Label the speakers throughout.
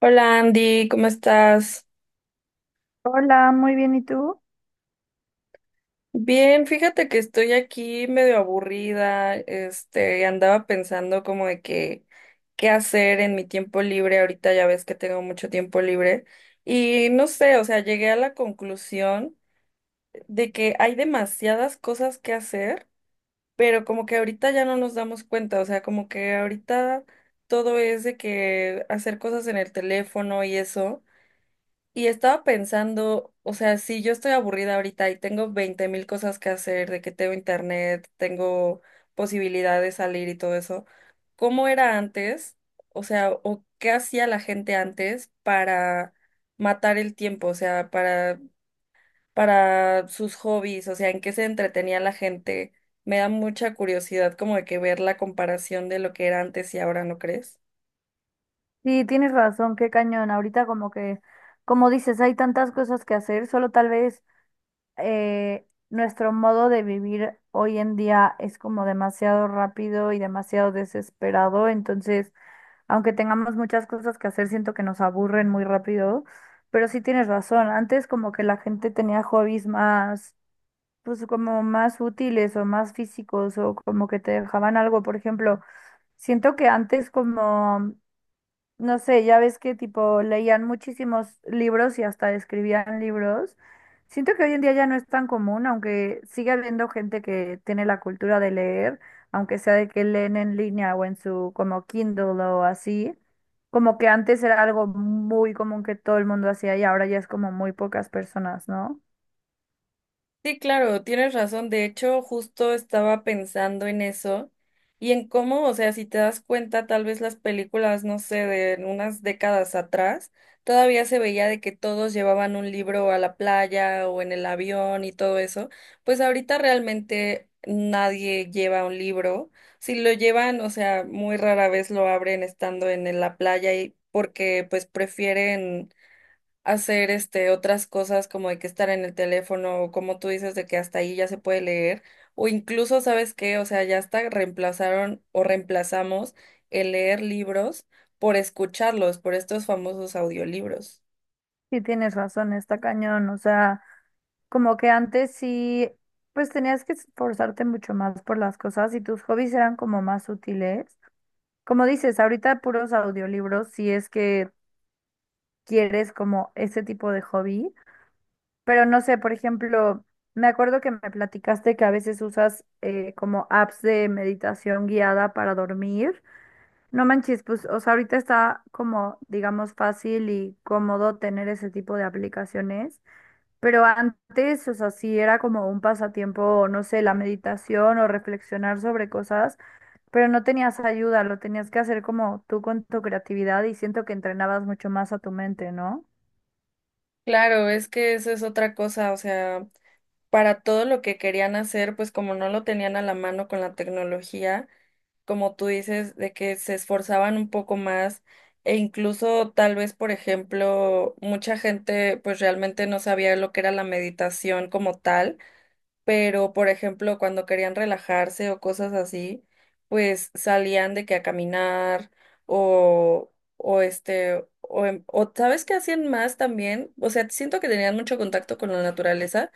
Speaker 1: Hola Andy, ¿cómo estás?
Speaker 2: Hola, muy bien, ¿y tú?
Speaker 1: Bien, fíjate que estoy aquí medio aburrida, este, andaba pensando como de que qué hacer en mi tiempo libre, ahorita ya ves que tengo mucho tiempo libre y no sé, o sea, llegué a la conclusión de que hay demasiadas cosas que hacer, pero como que ahorita ya no nos damos cuenta, o sea, como que ahorita todo es de que hacer cosas en el teléfono y eso. Y estaba pensando, o sea, si yo estoy aburrida ahorita y tengo 20.000 cosas que hacer, de que tengo internet, tengo posibilidad de salir y todo eso, ¿cómo era antes? O sea, ¿o qué hacía la gente antes para matar el tiempo? O sea, para sus hobbies, o sea, ¿en qué se entretenía la gente? Me da mucha curiosidad como de que ver la comparación de lo que era antes y ahora, ¿no crees?
Speaker 2: Sí, tienes razón, qué cañón. Ahorita como que, como dices, hay tantas cosas que hacer, solo tal vez nuestro modo de vivir hoy en día es como demasiado rápido y demasiado desesperado, entonces, aunque tengamos muchas cosas que hacer, siento que nos aburren muy rápido, pero sí tienes razón, antes como que la gente tenía hobbies más, pues como más útiles o más físicos o como que te dejaban algo, por ejemplo. Siento que antes como no sé, ya ves que tipo leían muchísimos libros y hasta escribían libros. Siento que hoy en día ya no es tan común, aunque sigue habiendo gente que tiene la cultura de leer, aunque sea de que leen en línea o en su como Kindle o así. Como que antes era algo muy común que todo el mundo hacía y ahora ya es como muy pocas personas, ¿no?
Speaker 1: Sí, claro, tienes razón. De hecho, justo estaba pensando en eso y en cómo, o sea, si te das cuenta, tal vez las películas, no sé, de unas décadas atrás, todavía se veía de que todos llevaban un libro a la playa o en el avión y todo eso. Pues ahorita realmente nadie lleva un libro. Si lo llevan, o sea, muy rara vez lo abren estando en la playa y porque pues prefieren hacer este otras cosas como de que estar en el teléfono o como tú dices de que hasta ahí ya se puede leer o incluso sabes qué, o sea, ya hasta reemplazaron o reemplazamos el leer libros por escucharlos, por estos famosos audiolibros.
Speaker 2: Sí, tienes razón, está cañón. O sea, como que antes sí, pues tenías que esforzarte mucho más por las cosas y tus hobbies eran como más útiles. Como dices, ahorita puros audiolibros, si es que quieres como ese tipo de hobby, pero no sé, por ejemplo, me acuerdo que me platicaste que a veces usas como apps de meditación guiada para dormir. No manches, pues, o sea, ahorita está como, digamos, fácil y cómodo tener ese tipo de aplicaciones, pero antes, o sea, sí era como un pasatiempo, no sé, la meditación o reflexionar sobre cosas. Pero no tenías ayuda, lo tenías que hacer como tú con tu creatividad y siento que entrenabas mucho más a tu mente, ¿no?
Speaker 1: Claro, es que eso es otra cosa, o sea, para todo lo que querían hacer, pues como no lo tenían a la mano con la tecnología, como tú dices, de que se esforzaban un poco más e incluso tal vez, por ejemplo, mucha gente pues realmente no sabía lo que era la meditación como tal pero por ejemplo, cuando querían relajarse o cosas así, pues salían de que a caminar o, o este, o, en- o ¿sabes qué hacían más también? O sea, siento que tenían mucho contacto con la naturaleza,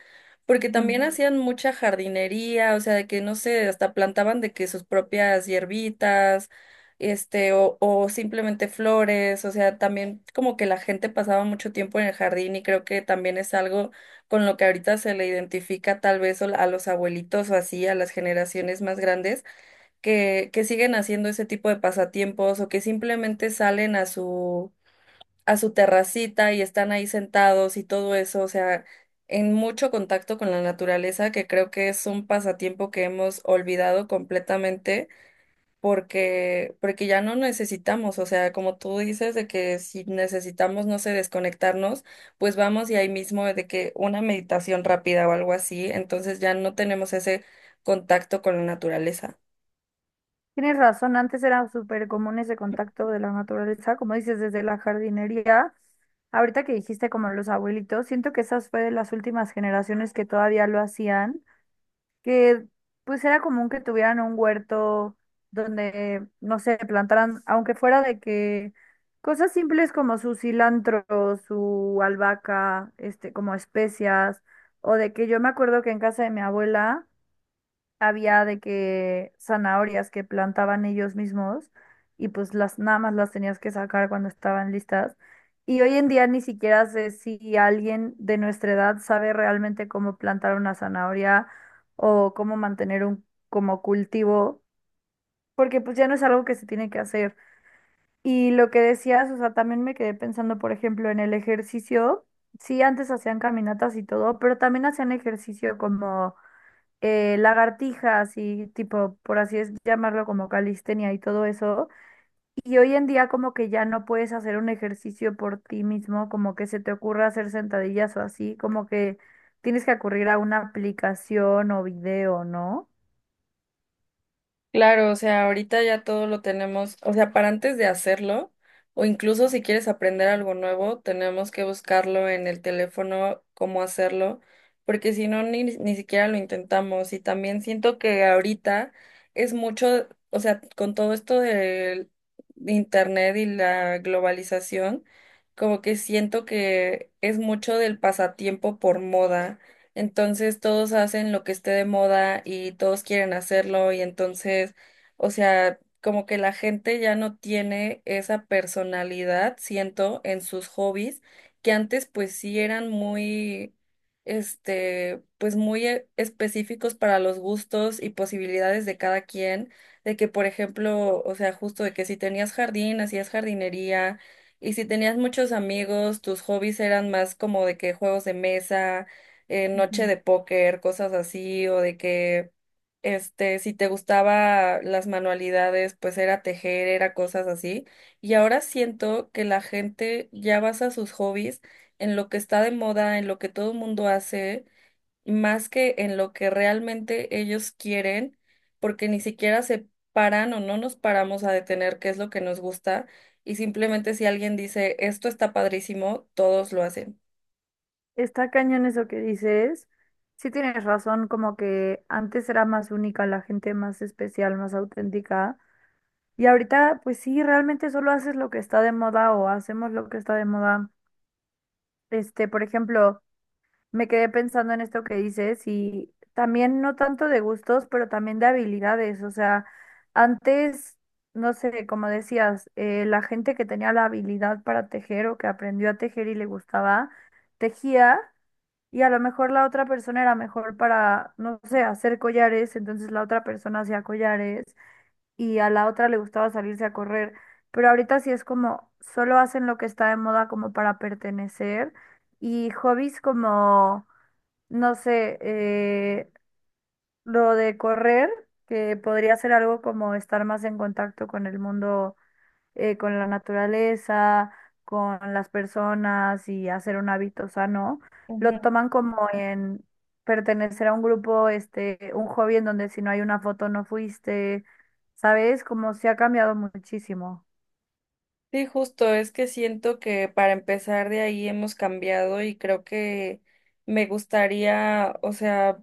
Speaker 1: porque también
Speaker 2: Ujú.
Speaker 1: hacían mucha jardinería, o sea, de que no sé, hasta plantaban de que sus propias hierbitas. Este, o simplemente flores, o sea, también como que la gente pasaba mucho tiempo en el jardín y creo que también es algo con lo que ahorita se le identifica tal vez a los abuelitos o así, a las generaciones más grandes, que siguen haciendo ese tipo de pasatiempos o que simplemente salen a su terracita y están ahí sentados y todo eso, o sea, en mucho contacto con la naturaleza, que creo que es un pasatiempo que hemos olvidado completamente porque ya no necesitamos, o sea, como tú dices, de que si necesitamos, no sé, desconectarnos, pues vamos y ahí mismo de que una meditación rápida o algo así, entonces ya no tenemos ese contacto con la naturaleza.
Speaker 2: Tienes razón, antes era súper común ese contacto de la naturaleza, como dices, desde la jardinería. Ahorita que dijiste como los abuelitos, siento que esas fue de las últimas generaciones que todavía lo hacían. Que pues era común que tuvieran un huerto donde, no sé, plantaran, aunque fuera de que cosas simples como su cilantro, su albahaca, este, como especias, o de que yo me acuerdo que en casa de mi abuela había de que zanahorias que plantaban ellos mismos y pues las nada más las tenías que sacar cuando estaban listas. Y hoy en día ni siquiera sé si alguien de nuestra edad sabe realmente cómo plantar una zanahoria o cómo mantener un como cultivo, porque pues ya no es algo que se tiene que hacer. Y lo que decías, o sea, también me quedé pensando, por ejemplo, en el ejercicio. Sí, antes hacían caminatas y todo, pero también hacían ejercicio como lagartijas y tipo, por así es llamarlo, como calistenia y todo eso. Y hoy en día como que ya no puedes hacer un ejercicio por ti mismo, como que se te ocurra hacer sentadillas o así, como que tienes que acudir a una aplicación o video, ¿no?
Speaker 1: Claro, o sea, ahorita ya todo lo tenemos, o sea, para antes de hacerlo, o incluso si quieres aprender algo nuevo, tenemos que buscarlo en el teléfono, cómo hacerlo, porque si no, ni siquiera lo intentamos. Y también siento que ahorita es mucho, o sea, con todo esto del internet y la globalización, como que siento que es mucho del pasatiempo por moda. Entonces todos hacen lo que esté de moda y todos quieren hacerlo y entonces, o sea, como que la gente ya no tiene esa personalidad, siento, en sus hobbies, que antes pues sí eran muy, este, pues muy específicos para los gustos y posibilidades de cada quien, de que por ejemplo, o sea, justo de que si tenías jardín, hacías jardinería. Y si tenías muchos amigos, tus hobbies eran más como de que juegos de mesa, noche
Speaker 2: Ujú.
Speaker 1: de póker, cosas así, o de que, este, si te gustaba las manualidades, pues era tejer, era cosas así. Y ahora siento que la gente ya basa sus hobbies en lo que está de moda, en lo que todo el mundo hace, más que en lo que realmente ellos quieren, porque ni siquiera se paran o no nos paramos a detener qué es lo que nos gusta. Y simplemente si alguien dice, esto está padrísimo, todos lo hacen.
Speaker 2: Está cañón eso que dices. Sí, tienes razón, como que antes era más única la gente, más especial, más auténtica. Y ahorita, pues sí, realmente solo haces lo que está de moda o hacemos lo que está de moda. Este, por ejemplo, me quedé pensando en esto que dices y también no tanto de gustos, pero también de habilidades. O sea, antes, no sé, como decías, la gente que tenía la habilidad para tejer o que aprendió a tejer y le gustaba, tejía y a lo mejor la otra persona era mejor para, no sé, hacer collares, entonces la otra persona hacía collares y a la otra le gustaba salirse a correr, pero ahorita sí es como solo hacen lo que está de moda como para pertenecer y hobbies como, no sé, lo de correr, que podría ser algo como estar más en contacto con el mundo con la naturaleza, con las personas y hacer un hábito sano, lo toman como en pertenecer a un grupo, este, un hobby en donde si no hay una foto no fuiste, ¿sabes? Como se ha cambiado muchísimo.
Speaker 1: Sí, justo, es que siento que para empezar de ahí hemos cambiado y creo que me gustaría, o sea,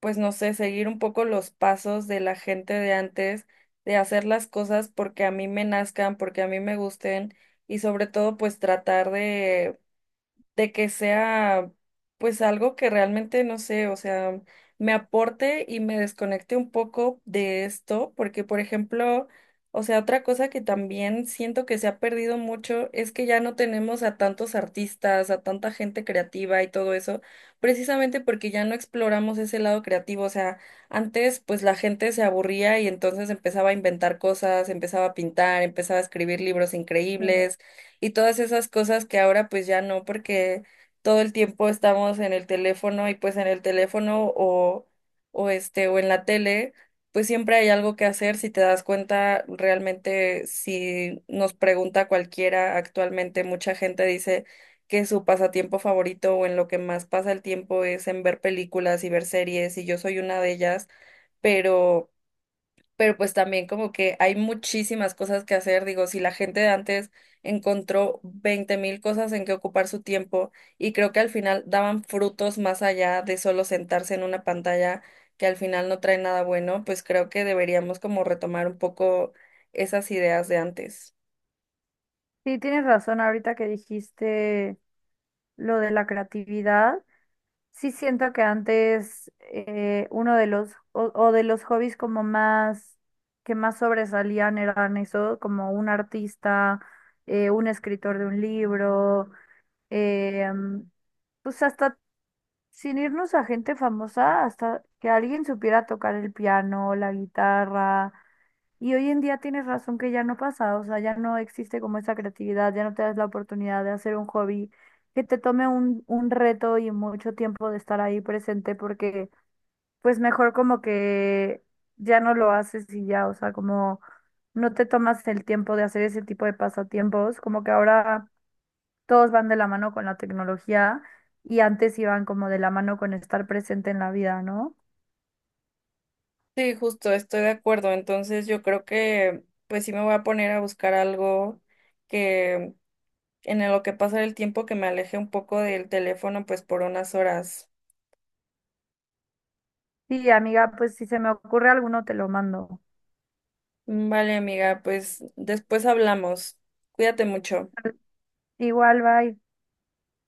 Speaker 1: pues no sé, seguir un poco los pasos de la gente de antes, de hacer las cosas porque a mí me nazcan, porque a mí me gusten y sobre todo pues tratar de que sea pues algo que realmente no sé, o sea, me aporte y me desconecte un poco de esto, porque por ejemplo, o sea, otra cosa que también siento que se ha perdido mucho es que ya no tenemos a tantos artistas, a tanta gente creativa y todo eso, precisamente porque ya no exploramos ese lado creativo, o sea, antes pues la gente se aburría y entonces empezaba a inventar cosas, empezaba a pintar, empezaba a escribir libros
Speaker 2: Mm.
Speaker 1: increíbles y todas esas cosas que ahora pues ya no, porque todo el tiempo estamos en el teléfono y pues en el teléfono o en la tele, pues siempre hay algo que hacer si te das cuenta realmente si nos pregunta cualquiera actualmente mucha gente dice que su pasatiempo favorito o en lo que más pasa el tiempo es en ver películas y ver series y yo soy una de ellas, pero pero pues también como que hay muchísimas cosas que hacer. Digo, si la gente de antes encontró 20.000 cosas en que ocupar su tiempo y creo que al final daban frutos más allá de solo sentarse en una pantalla que al final no trae nada bueno, pues creo que deberíamos como retomar un poco esas ideas de antes.
Speaker 2: Sí, tienes razón ahorita que dijiste lo de la creatividad. Sí, siento que antes uno de los o de los hobbies como más que más sobresalían eran eso, como un artista, un escritor de un libro, eh, pues hasta sin irnos a gente famosa, hasta que alguien supiera tocar el piano, la guitarra, y hoy en día tienes razón que ya no pasa, o sea, ya no existe como esa creatividad, ya no te das la oportunidad de hacer un hobby que te tome un reto y mucho tiempo de estar ahí presente porque pues mejor como que ya no lo haces y ya, o sea, como no te tomas el tiempo de hacer ese tipo de pasatiempos, como que ahora todos van de la mano con la tecnología y antes iban como de la mano con estar presente en la vida, ¿no?
Speaker 1: Sí, justo, estoy de acuerdo. Entonces yo creo que pues sí me voy a poner a buscar algo que en lo que pasa el tiempo que me aleje un poco del teléfono pues por unas horas.
Speaker 2: Sí, amiga, pues si se me ocurre alguno te lo mando.
Speaker 1: Vale, amiga, pues después hablamos. Cuídate mucho.
Speaker 2: Igual, bye.